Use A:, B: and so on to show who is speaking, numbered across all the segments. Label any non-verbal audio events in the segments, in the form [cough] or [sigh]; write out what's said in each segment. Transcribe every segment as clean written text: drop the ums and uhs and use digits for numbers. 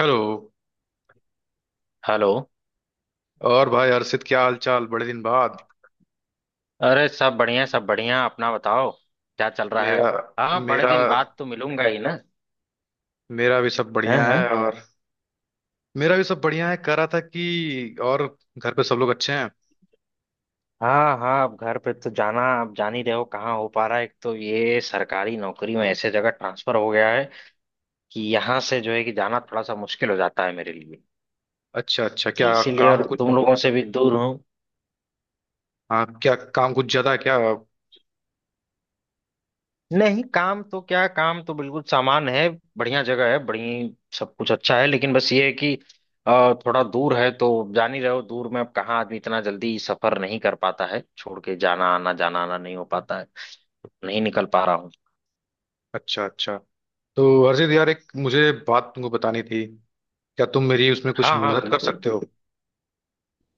A: Hello.
B: Hello.
A: और भाई हर्षित, क्या हाल चाल, बड़े दिन बाद।
B: अरे सब बढ़िया, सब बढ़िया। अपना बताओ क्या चल रहा है।
A: मेरा
B: हाँ, बड़े
A: मेरा
B: दिन बाद तो मिलूंगा ही ना।
A: मेरा भी सब
B: हैं
A: बढ़िया है।
B: हैं
A: और मेरा भी सब बढ़िया है, कह रहा था कि। और घर पे सब लोग अच्छे हैं?
B: हाँ हाँ, अब घर पे तो जाना, अब जान ही रहे हो कहाँ हो पा रहा है। एक तो ये सरकारी नौकरी में ऐसे जगह ट्रांसफर हो गया है कि यहाँ से जो है कि जाना थोड़ा सा मुश्किल हो जाता है मेरे लिए।
A: अच्छा अच्छा।
B: तो
A: क्या
B: इसीलिए
A: काम
B: और
A: कुछ,
B: तुम लोगों से भी दूर हूँ।
A: हाँ क्या काम कुछ ज्यादा है क्या?
B: नहीं, काम तो क्या, काम तो बिल्कुल सामान है। बढ़िया जगह है बढ़िया। सब कुछ अच्छा है लेकिन बस ये है कि थोड़ा दूर है तो। जान ही रहे हो, दूर में अब कहाँ आदमी इतना जल्दी सफर नहीं कर पाता है, छोड़ के जाना, आना जाना, आना नहीं हो पाता है। नहीं निकल पा रहा हूँ।
A: अच्छा अच्छा। तो हर्षित यार, एक मुझे बात तुमको बतानी थी। क्या तुम मेरी उसमें कुछ
B: हाँ हाँ
A: मदद कर
B: बिल्कुल,
A: सकते हो?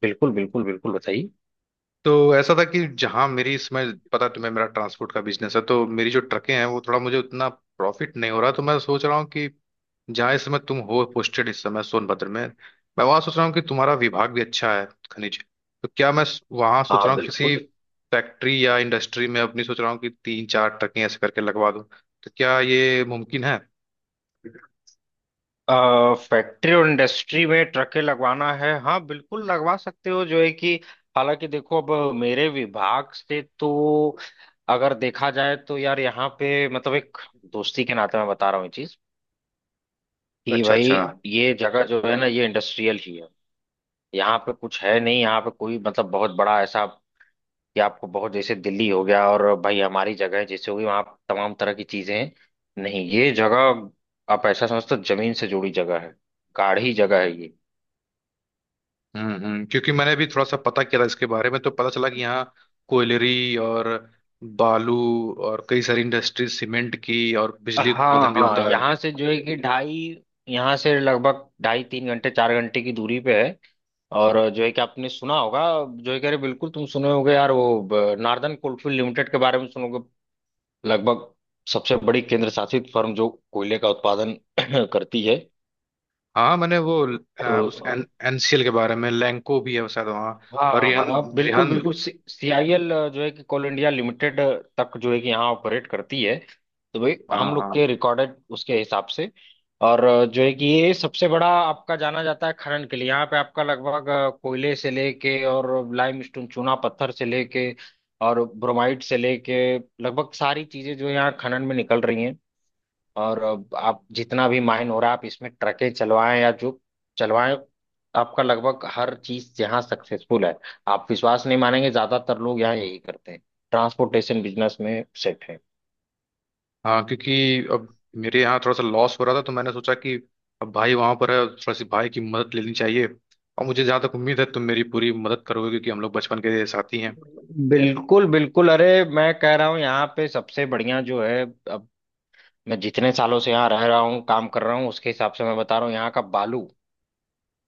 B: बिल्कुल बिल्कुल बिल्कुल बताइए।
A: तो ऐसा था कि जहाँ मेरी इसमें, पता है तुम्हें मेरा ट्रांसपोर्ट का बिजनेस है, तो मेरी जो ट्रकें हैं वो थोड़ा, मुझे उतना प्रॉफिट नहीं हो रहा, तो मैं सोच रहा हूँ कि जहाँ इस समय तुम हो पोस्टेड, इस समय सोनभद्र में, मैं वहाँ सोच रहा हूँ कि तुम्हारा विभाग भी अच्छा है, खनिज। तो क्या मैं वहाँ सोच
B: हाँ
A: रहा हूँ किसी
B: बिल्कुल,
A: फैक्ट्री या इंडस्ट्री में, अपनी सोच रहा हूँ कि तीन चार ट्रकें ऐसे करके लगवा दूँ। तो क्या ये मुमकिन है?
B: फैक्ट्री और इंडस्ट्री में ट्रकें लगवाना है, हाँ बिल्कुल लगवा सकते हो। जो है कि हालांकि देखो, अब मेरे विभाग से तो अगर देखा जाए तो यार, यहाँ पे मतलब एक दोस्ती के नाते मैं बता रहा हूँ ये चीज, कि
A: अच्छा
B: भाई
A: अच्छा।
B: ये जगह जो है ना, ये इंडस्ट्रियल ही है। यहाँ पे कुछ है नहीं, यहाँ पे कोई मतलब बहुत बड़ा ऐसा कि आपको बहुत जैसे दिल्ली हो गया और भाई हमारी जगह है जैसे होगी वहाँ, तमाम तरह की चीजें हैं नहीं। ये जगह आप ऐसा समझते हो जमीन से जुड़ी जगह है, गाढ़ी जगह है ये।
A: क्योंकि मैंने भी थोड़ा सा पता किया था इसके बारे में, तो पता चला कि यहाँ कोयलरी और बालू और कई सारी इंडस्ट्रीज, सीमेंट की, और बिजली उत्पादन
B: हाँ
A: भी
B: हाँ,
A: होता है।
B: यहाँ से जो है कि ढाई, यहाँ से लगभग ढाई तीन घंटे चार घंटे की दूरी पे है। और जो है कि आपने सुना होगा, जो है कि अरे बिल्कुल तुम सुने होगे यार वो नार्दर्न कोलफील्ड लिमिटेड के बारे में सुनोगे। लगभग सबसे बड़ी केंद्र शासित फर्म जो कोयले का उत्पादन [clears throat] करती है।
A: हाँ मैंने वो,
B: तो
A: एनसीएल के बारे में, लैंको भी है शायद वहाँ,
B: हाँ
A: और
B: हाँ हाँ,
A: रिहान,
B: हाँ, बिल्कुल
A: रिहान।
B: बिल्कुल। सीआईएल जो है कि कोल इंडिया लिमिटेड, तक जो है कि यहाँ ऑपरेट करती है। तो भाई
A: हाँ
B: हम लोग
A: हाँ
B: के रिकॉर्डेड उसके हिसाब से, और जो है कि ये सबसे बड़ा आपका जाना जाता है खनन के लिए। यहाँ पे आपका लगभग कोयले से लेके और लाइमस्टोन, चूना पत्थर से लेके और ब्रोमाइट से लेके लगभग सारी चीजें जो यहाँ खनन में निकल रही हैं। और अब आप जितना भी माइन हो रहा है, आप इसमें ट्रकें चलवाएं या जो चलवाएं, आपका लगभग हर चीज यहाँ सक्सेसफुल है। आप विश्वास नहीं मानेंगे, ज्यादातर लोग यहाँ यही करते हैं। ट्रांसपोर्टेशन बिजनेस में सेट है।
A: हाँ। क्योंकि अब मेरे यहाँ थोड़ा सा लॉस हो रहा था, तो मैंने सोचा कि अब भाई वहाँ पर है, थोड़ा सी भाई की मदद लेनी चाहिए। और मुझे जहाँ तक उम्मीद है, तुम मेरी पूरी मदद करोगे, क्योंकि हम लोग बचपन के साथी हैं।
B: बिल्कुल बिल्कुल, अरे मैं कह रहा हूँ यहाँ पे सबसे बढ़िया जो है। अब मैं जितने सालों से यहाँ रह रहा हूँ, काम कर रहा हूँ, उसके हिसाब से मैं बता रहा हूँ यहाँ का बालू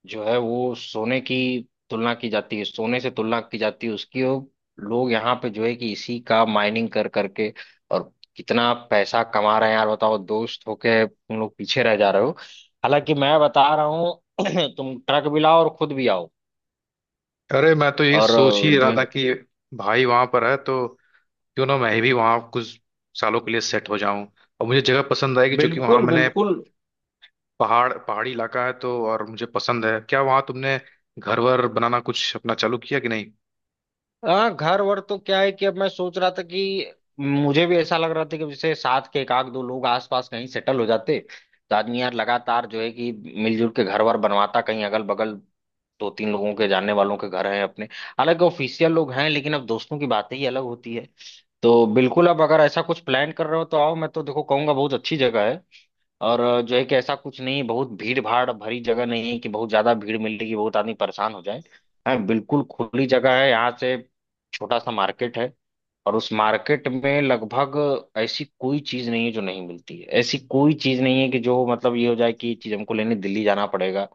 B: जो है वो सोने की तुलना की जाती है, सोने से तुलना की जाती है उसकी। और लोग यहाँ पे जो है कि इसी का माइनिंग कर करके और कितना पैसा कमा रहे हैं। यार बताओ, दोस्त होके तुम लोग पीछे रह जा रहे हो। हालांकि मैं बता रहा हूँ [clears throat] तुम ट्रक भी लाओ और खुद भी आओ।
A: अरे मैं तो यही
B: और
A: सोच ही
B: अ,
A: रहा
B: जो
A: था कि भाई वहां पर है तो क्यों ना मैं भी वहां कुछ सालों के लिए सेट हो जाऊं। और मुझे जगह पसंद आएगी, क्योंकि वहां
B: बिल्कुल
A: मैंने,
B: बिल्कुल।
A: पहाड़, पहाड़ी इलाका है तो, और मुझे पसंद है। क्या वहां तुमने घर वर बनाना कुछ अपना चालू किया कि नहीं?
B: हाँ, घर वर तो क्या है कि अब मैं सोच रहा था कि मुझे भी ऐसा लग रहा था कि जैसे साथ के एक आध दो लोग आसपास कहीं सेटल हो जाते, तो आदमी यार लगातार जो है कि मिलजुल के घर वर बनवाता कहीं अगल बगल। दो तीन लोगों के जानने वालों के घर हैं अपने, हालांकि ऑफिशियल लोग हैं, लेकिन अब दोस्तों की बातें ही अलग होती है। तो बिल्कुल, अब अगर ऐसा कुछ प्लान कर रहे हो तो आओ। मैं तो देखो कहूंगा बहुत अच्छी जगह है, और जो है कि ऐसा कुछ नहीं है, बहुत भीड़ भाड़ भरी जगह नहीं है कि बहुत ज्यादा भीड़ मिलेगी, बहुत आदमी परेशान हो जाए। हाँ बिल्कुल, खुली जगह है यहाँ से। छोटा सा मार्केट है, और उस मार्केट में लगभग ऐसी कोई चीज नहीं है जो नहीं मिलती है। ऐसी कोई चीज नहीं है कि जो मतलब ये हो जाए कि ये चीज हमको लेने दिल्ली जाना पड़ेगा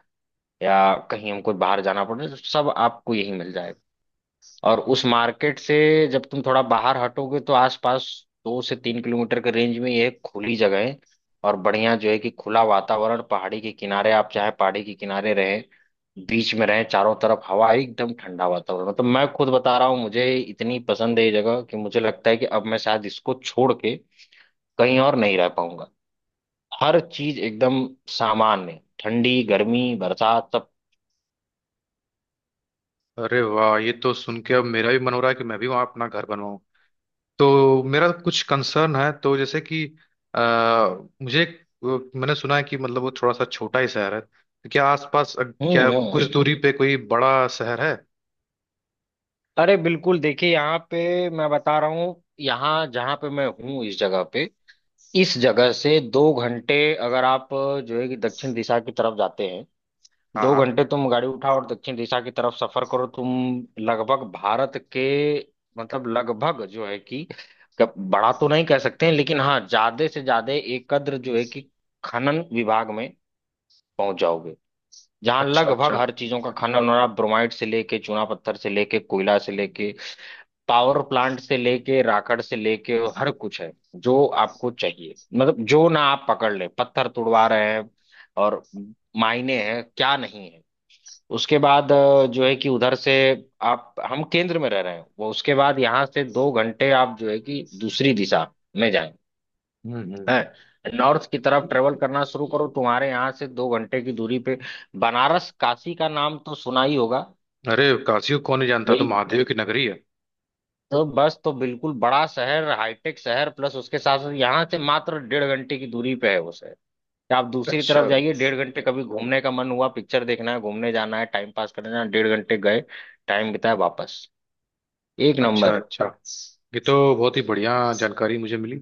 B: या कहीं हमको बाहर जाना पड़ेगा, तो सब आपको यही मिल जाएगा। और उस मार्केट से जब तुम थोड़ा बाहर हटोगे, तो आसपास 2 से 3 किलोमीटर के रेंज में ये खुली जगह है। और बढ़िया जो है कि खुला वातावरण, पहाड़ी के किनारे, आप चाहे पहाड़ी के किनारे रहे, बीच में रहे, चारों तरफ हवा है, एकदम ठंडा वातावरण। मतलब मैं खुद बता रहा हूँ, मुझे इतनी पसंद है ये जगह कि मुझे लगता है कि अब मैं शायद इसको छोड़ के कहीं और नहीं रह पाऊंगा। हर चीज एकदम सामान्य, ठंडी गर्मी बरसात सब।
A: अरे वाह, ये तो सुन के अब मेरा भी मन हो रहा है कि मैं भी वहां अपना घर बनवाऊं। तो मेरा कुछ कंसर्न है, तो जैसे कि आ, मुझे मैंने सुना है कि मतलब वो थोड़ा सा छोटा ही शहर है, तो क्या आसपास,
B: हम्म
A: क्या
B: हम्म
A: कुछ
B: हम्म।
A: दूरी पे कोई बड़ा शहर है?
B: अरे बिल्कुल, देखिए यहाँ पे मैं बता रहा हूँ, यहाँ जहाँ पे मैं हूँ इस जगह पे, इस जगह से 2 घंटे, अगर आप जो है कि दक्षिण दिशा की तरफ जाते हैं,
A: हाँ
B: दो
A: हाँ।
B: घंटे तुम गाड़ी उठाओ और दक्षिण दिशा की तरफ सफर करो तुम, लगभग भारत के, मतलब लगभग जो है कि बड़ा तो नहीं कह सकते हैं, लेकिन हाँ ज्यादा से ज्यादा एक कद्र जो है कि खनन विभाग में पहुंच जाओगे, जहाँ
A: अच्छा
B: लगभग
A: अच्छा।
B: हर चीजों का खनन हो रहा है। ब्रोमाइट से लेके, चूना पत्थर से लेके, कोयला से लेके, पावर प्लांट से लेके, राकड़ से लेके, हर कुछ है जो आपको चाहिए। मतलब जो ना आप पकड़ ले, पत्थर तुड़वा रहे हैं और मायने हैं क्या नहीं है। उसके बाद जो है कि उधर से, आप हम केंद्र में रह रहे हैं वो, उसके बाद यहाँ से 2 घंटे आप जो है कि दूसरी दिशा में जाएं,
A: हम्म।
B: हैं, नॉर्थ की तरफ ट्रेवल करना शुरू करो, तुम्हारे यहाँ से 2 घंटे की दूरी पे बनारस, काशी का नाम तो सुना ही होगा
A: अरे काशी को कौन नहीं जानता, तो
B: भाई।
A: महादेव की नगरी है।
B: तो बस, तो बिल्कुल बड़ा शहर, हाईटेक शहर, प्लस उसके साथ साथ यहाँ से मात्र 1.5 घंटे की दूरी पे है वो शहर। या आप दूसरी तरफ
A: अच्छा
B: जाइए, 1.5 घंटे, कभी घूमने का मन हुआ, पिक्चर देखना है, घूमने जाना है, टाइम पास करना है, 1.5 घंटे गए, टाइम बिताया, वापस, एक
A: अच्छा।
B: नंबर।
A: अच्छा ये तो बहुत ही बढ़िया जानकारी मुझे मिली।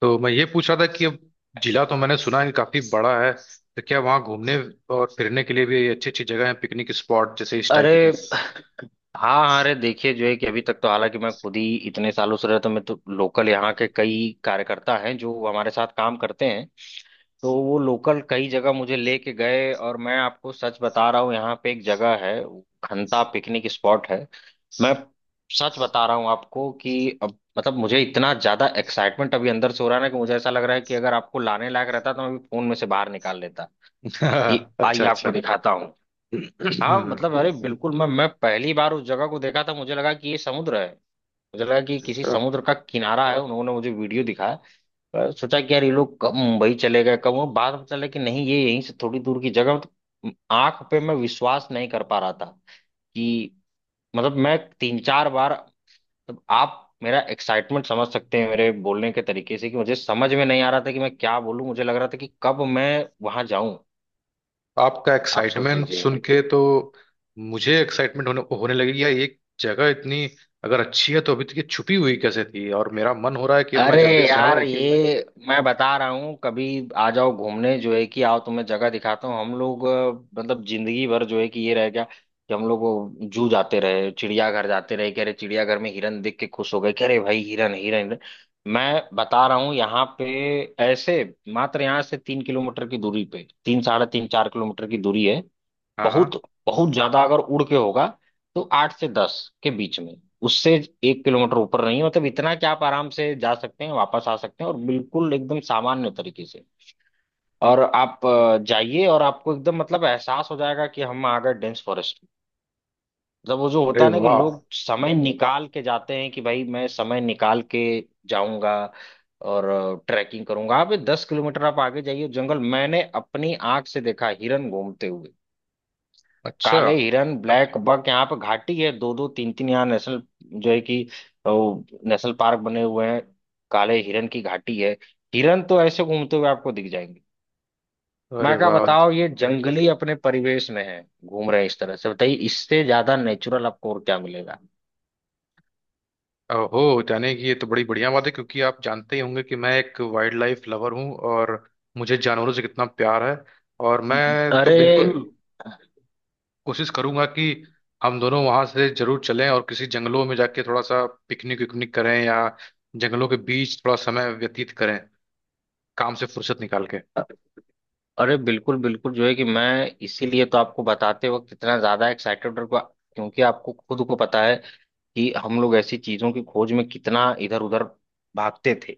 A: तो मैं ये पूछ रहा था कि अब जिला तो मैंने सुना है कि काफी बड़ा है, तो क्या वहाँ घूमने और फिरने के लिए भी अच्छी अच्छी जगह है, पिकनिक स्पॉट जैसे इस
B: अरे
A: टाइप के?
B: हाँ हाँ, अरे देखिए जो है कि अभी तक तो हालांकि मैं खुद ही इतने सालों से रहता हूँ, तो मैं तो लोकल, यहाँ के कई कार्यकर्ता हैं जो हमारे साथ काम करते हैं, तो वो लोकल कई जगह मुझे लेके गए, और मैं आपको सच बता रहा हूँ, यहाँ पे एक जगह है, वो खंता पिकनिक स्पॉट है। मैं सच बता रहा हूँ आपको कि अब मतलब मुझे इतना ज्यादा एक्साइटमेंट अभी अंदर से हो रहा है ना, कि मुझे ऐसा लग रहा है कि अगर आपको लाने लायक रहता तो मैं अभी फोन में से बाहर निकाल लेता कि
A: [laughs]
B: आइए
A: अच्छा अच्छा।
B: आपको दिखाता हूँ।
A: [clears throat]
B: हाँ,
A: हम्म।
B: मतलब अरे बिल्कुल, मैं पहली बार उस जगह को देखा था, मुझे लगा कि ये समुद्र है, मुझे लगा कि किसी
A: अच्छा।
B: समुद्र का किनारा है। उन्होंने मुझे वीडियो दिखाया, पर सोचा कि यार ये लोग कब मुंबई चले गए, कब, वो बाद में चला कि नहीं, ये यहीं से थोड़ी दूर की जगह। मतलब आंख पे मैं विश्वास नहीं कर पा रहा था कि, मतलब मैं तीन चार बार, मतलब आप मेरा एक्साइटमेंट समझ सकते हैं मेरे बोलने के तरीके से, कि मुझे समझ में नहीं आ रहा था कि मैं क्या बोलूं, मुझे लग रहा था कि कब मैं वहां जाऊं।
A: आपका
B: आप सोच
A: एक्साइटमेंट
B: लीजिए।
A: सुन के तो मुझे एक्साइटमेंट होने होने लगी यार। ये जगह इतनी अगर अच्छी है, तो अभी तक ये छुपी हुई कैसे थी? और मेरा मन हो रहा है कि अब मैं
B: अरे
A: जल्दी से
B: यार,
A: आऊं।
B: ये मैं बता रहा हूँ, कभी आ जाओ घूमने, जो है कि आओ, तुम्हें जगह दिखाता हूँ। हम लोग मतलब जिंदगी भर जो है कि ये रह गया कि हम लोग वो जू जाते रहे, चिड़ियाघर जाते रहे, कह रहे चिड़ियाघर में हिरन देख के खुश हो गए, कह रहे भाई हिरन हिरन हिरन। मैं बता रहा हूँ यहाँ पे ऐसे, मात्र यहाँ से 3 किलोमीटर की दूरी पे, तीन साढ़े तीन 4 किलोमीटर की दूरी है।
A: हाँ
B: बहुत,
A: हाँ।
B: बहुत ज्यादा अगर उड़ के होगा तो आठ से दस के बीच में। उससे 1 किलोमीटर ऊपर नहीं है, मतलब इतना कि आप आराम से जा सकते हैं, वापस आ सकते हैं, और बिल्कुल एकदम सामान्य तरीके से। और आप जाइए और आपको एकदम मतलब एहसास हो जाएगा कि हम आ गए डेंस फॉरेस्ट में। मतलब वो जो होता
A: अरे
B: है ना कि
A: वाह।
B: लोग समय निकाल के जाते हैं कि भाई मैं समय निकाल के जाऊंगा और ट्रैकिंग करूंगा। आप ये 10 किलोमीटर आप आगे जाइए जंगल, मैंने अपनी आंख से देखा हिरन घूमते हुए,
A: अच्छा।
B: काले हिरन, ब्लैक बक। यहाँ पे घाटी है, दो दो तीन तीन, यहाँ नेशनल जो है कि वो नेशनल पार्क बने हुए हैं, काले हिरन की घाटी है। हिरन तो ऐसे घूमते हुए आपको दिख जाएंगे।
A: अरे
B: मैं क्या
A: वाह।
B: बताओ, ये जंगली अपने परिवेश में है, घूम रहे हैं इस तरह से, बताइए इससे ज्यादा नेचुरल आपको और क्या मिलेगा।
A: ओहो, यानी कि ये तो बड़ी बढ़िया बात है, क्योंकि आप जानते ही होंगे कि मैं एक वाइल्ड लाइफ लवर हूँ, और मुझे जानवरों से कितना प्यार है। और मैं तो
B: अरे,
A: बिल्कुल कोशिश करूंगा कि हम दोनों वहां से जरूर चलें, और किसी जंगलों में जाके थोड़ा सा पिकनिक विकनिक करें, या जंगलों के बीच थोड़ा समय व्यतीत करें काम से फुर्सत निकाल के।
B: अरे बिल्कुल बिल्कुल, जो है कि मैं इसीलिए तो आपको बताते वक्त इतना ज्यादा एक्साइटेड, क्योंकि आपको खुद को पता है कि हम लोग ऐसी चीजों की खोज में कितना इधर उधर भागते थे।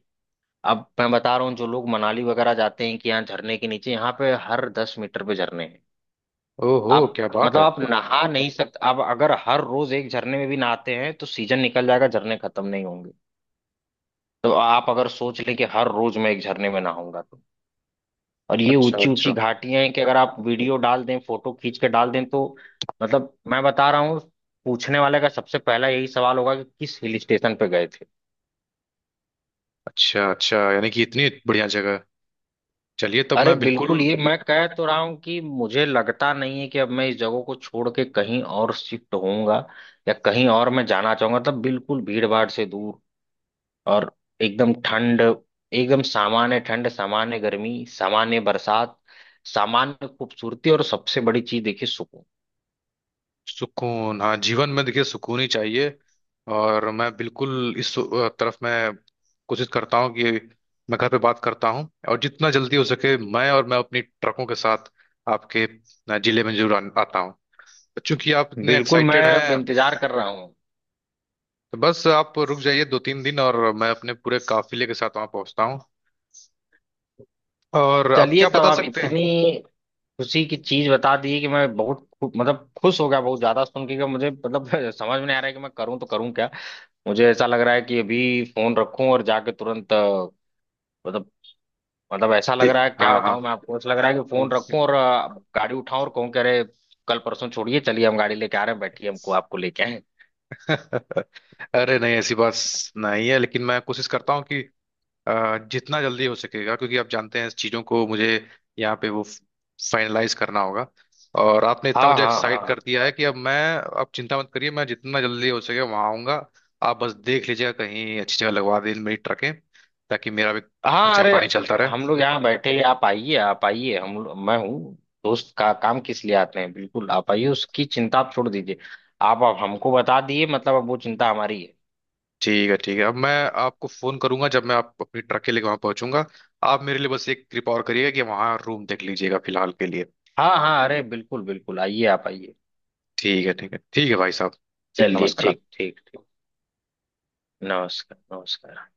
B: अब मैं बता रहा हूँ, जो लोग मनाली वगैरह जाते हैं कि यहाँ झरने के नीचे, यहाँ पे हर 10 मीटर पे झरने हैं।
A: ओहो
B: आप
A: क्या बात
B: मतलब
A: है।
B: आप नहा नहीं सकते, आप अगर हर रोज एक झरने में भी नहाते हैं तो सीजन निकल जाएगा, झरने खत्म नहीं होंगे। तो आप अगर सोच लें कि हर रोज मैं एक झरने में नहाऊंगा तो, और ये
A: अच्छा
B: ऊंची ऊंची
A: अच्छा।
B: घाटियां हैं कि अगर आप वीडियो डाल दें, फोटो खींच के डाल दें तो, मतलब मैं बता रहा हूँ, पूछने वाले का सबसे पहला यही सवाल होगा कि किस हिल स्टेशन पे गए थे।
A: अच्छा अच्छा, यानी कि इतनी बढ़िया जगह। चलिए, तब
B: अरे
A: मैं बिल्कुल।
B: बिल्कुल, ये मैं कह तो रहा हूं कि मुझे लगता नहीं है कि अब मैं इस जगह को छोड़ के कहीं और शिफ्ट होऊंगा, या कहीं और मैं जाना चाहूंगा। तब बिल्कुल भीड़ भाड़ से दूर, और एकदम ठंड, एकदम सामान्य ठंड, सामान्य गर्मी, सामान्य बरसात, सामान्य खूबसूरती, और सबसे बड़ी चीज देखिए, सुकून।
A: सुकून, हाँ जीवन में देखिए सुकून ही चाहिए। और मैं बिल्कुल इस तरफ मैं कोशिश करता हूँ कि मैं घर पे बात करता हूँ, और जितना जल्दी हो सके मैं, और मैं अपनी ट्रकों के साथ आपके जिले में जरूर आता हूँ। चूंकि आप इतने
B: बिल्कुल, मैं
A: एक्साइटेड
B: अब
A: हैं,
B: इंतजार कर रहा हूँ।
A: तो बस आप रुक जाइए दो तीन दिन और, मैं अपने पूरे काफिले के साथ वहां पहुंचता हूँ। और आप
B: चलिए,
A: क्या
B: तब
A: बता
B: आप
A: सकते हैं।
B: इतनी खुशी की चीज बता दी कि मैं बहुत मतलब खुश हो गया बहुत ज्यादा सुन के कि मुझे, मतलब [laughs] समझ में नहीं आ रहा है कि मैं करूँ तो करूँ क्या। मुझे ऐसा लग रहा है कि अभी फोन रखूं और जाके तुरंत मतलब, ऐसा लग
A: जी।
B: रहा है, क्या
A: हाँ हाँ।
B: बताऊं मैं आपको, ऐसा लग रहा है कि फोन रखूं और गाड़ी उठाऊं और कहूं कि अरे, कल परसों छोड़िए, चलिए हम गाड़ी लेके आ रहे हैं, बैठिए, हमको आपको
A: [laughs]
B: लेके आए।
A: अरे नहीं ऐसी बात नहीं है, लेकिन मैं कोशिश करता हूँ कि जितना जल्दी हो सकेगा, क्योंकि आप जानते हैं इस चीज़ों को मुझे यहाँ पे वो फाइनलाइज करना होगा। और आपने इतना
B: हाँ
A: मुझे
B: हाँ
A: एक्साइट कर
B: हाँ,
A: दिया है कि अब मैं, अब चिंता मत करिए, मैं जितना जल्दी हो सके वहाँ आऊँगा। आप बस देख लीजिएगा कहीं अच्छी जगह लगवा दें मेरी ट्रकें, ताकि मेरा भी
B: हाँ,
A: खर्चा
B: अरे
A: पानी चलता
B: हम
A: रहे।
B: लोग यहाँ बैठे हैं, आप आइए, आप आइए, हम लोग- मैं हूँ। दोस्त का काम किस लिए आते हैं, बिल्कुल आप आइए, उसकी चिंता आप छोड़ दीजिए। आप अब हमको बता दिए, मतलब अब वो चिंता हमारी है।
A: ठीक है ठीक है। अब मैं आपको फ़ोन करूंगा जब मैं, आप अपनी ट्रक के लिए वहाँ पहुँचूंगा। आप मेरे लिए बस एक कृपा और करिएगा कि वहाँ रूम देख लीजिएगा फिलहाल के लिए।
B: हाँ हाँ, अरे बिल्कुल बिल्कुल, आइए, आप आइए।
A: ठीक है ठीक है ठीक है भाई साहब।
B: चलिए
A: नमस्कार।
B: ठीक ठीक ठीक। नमस्कार। नमस्कार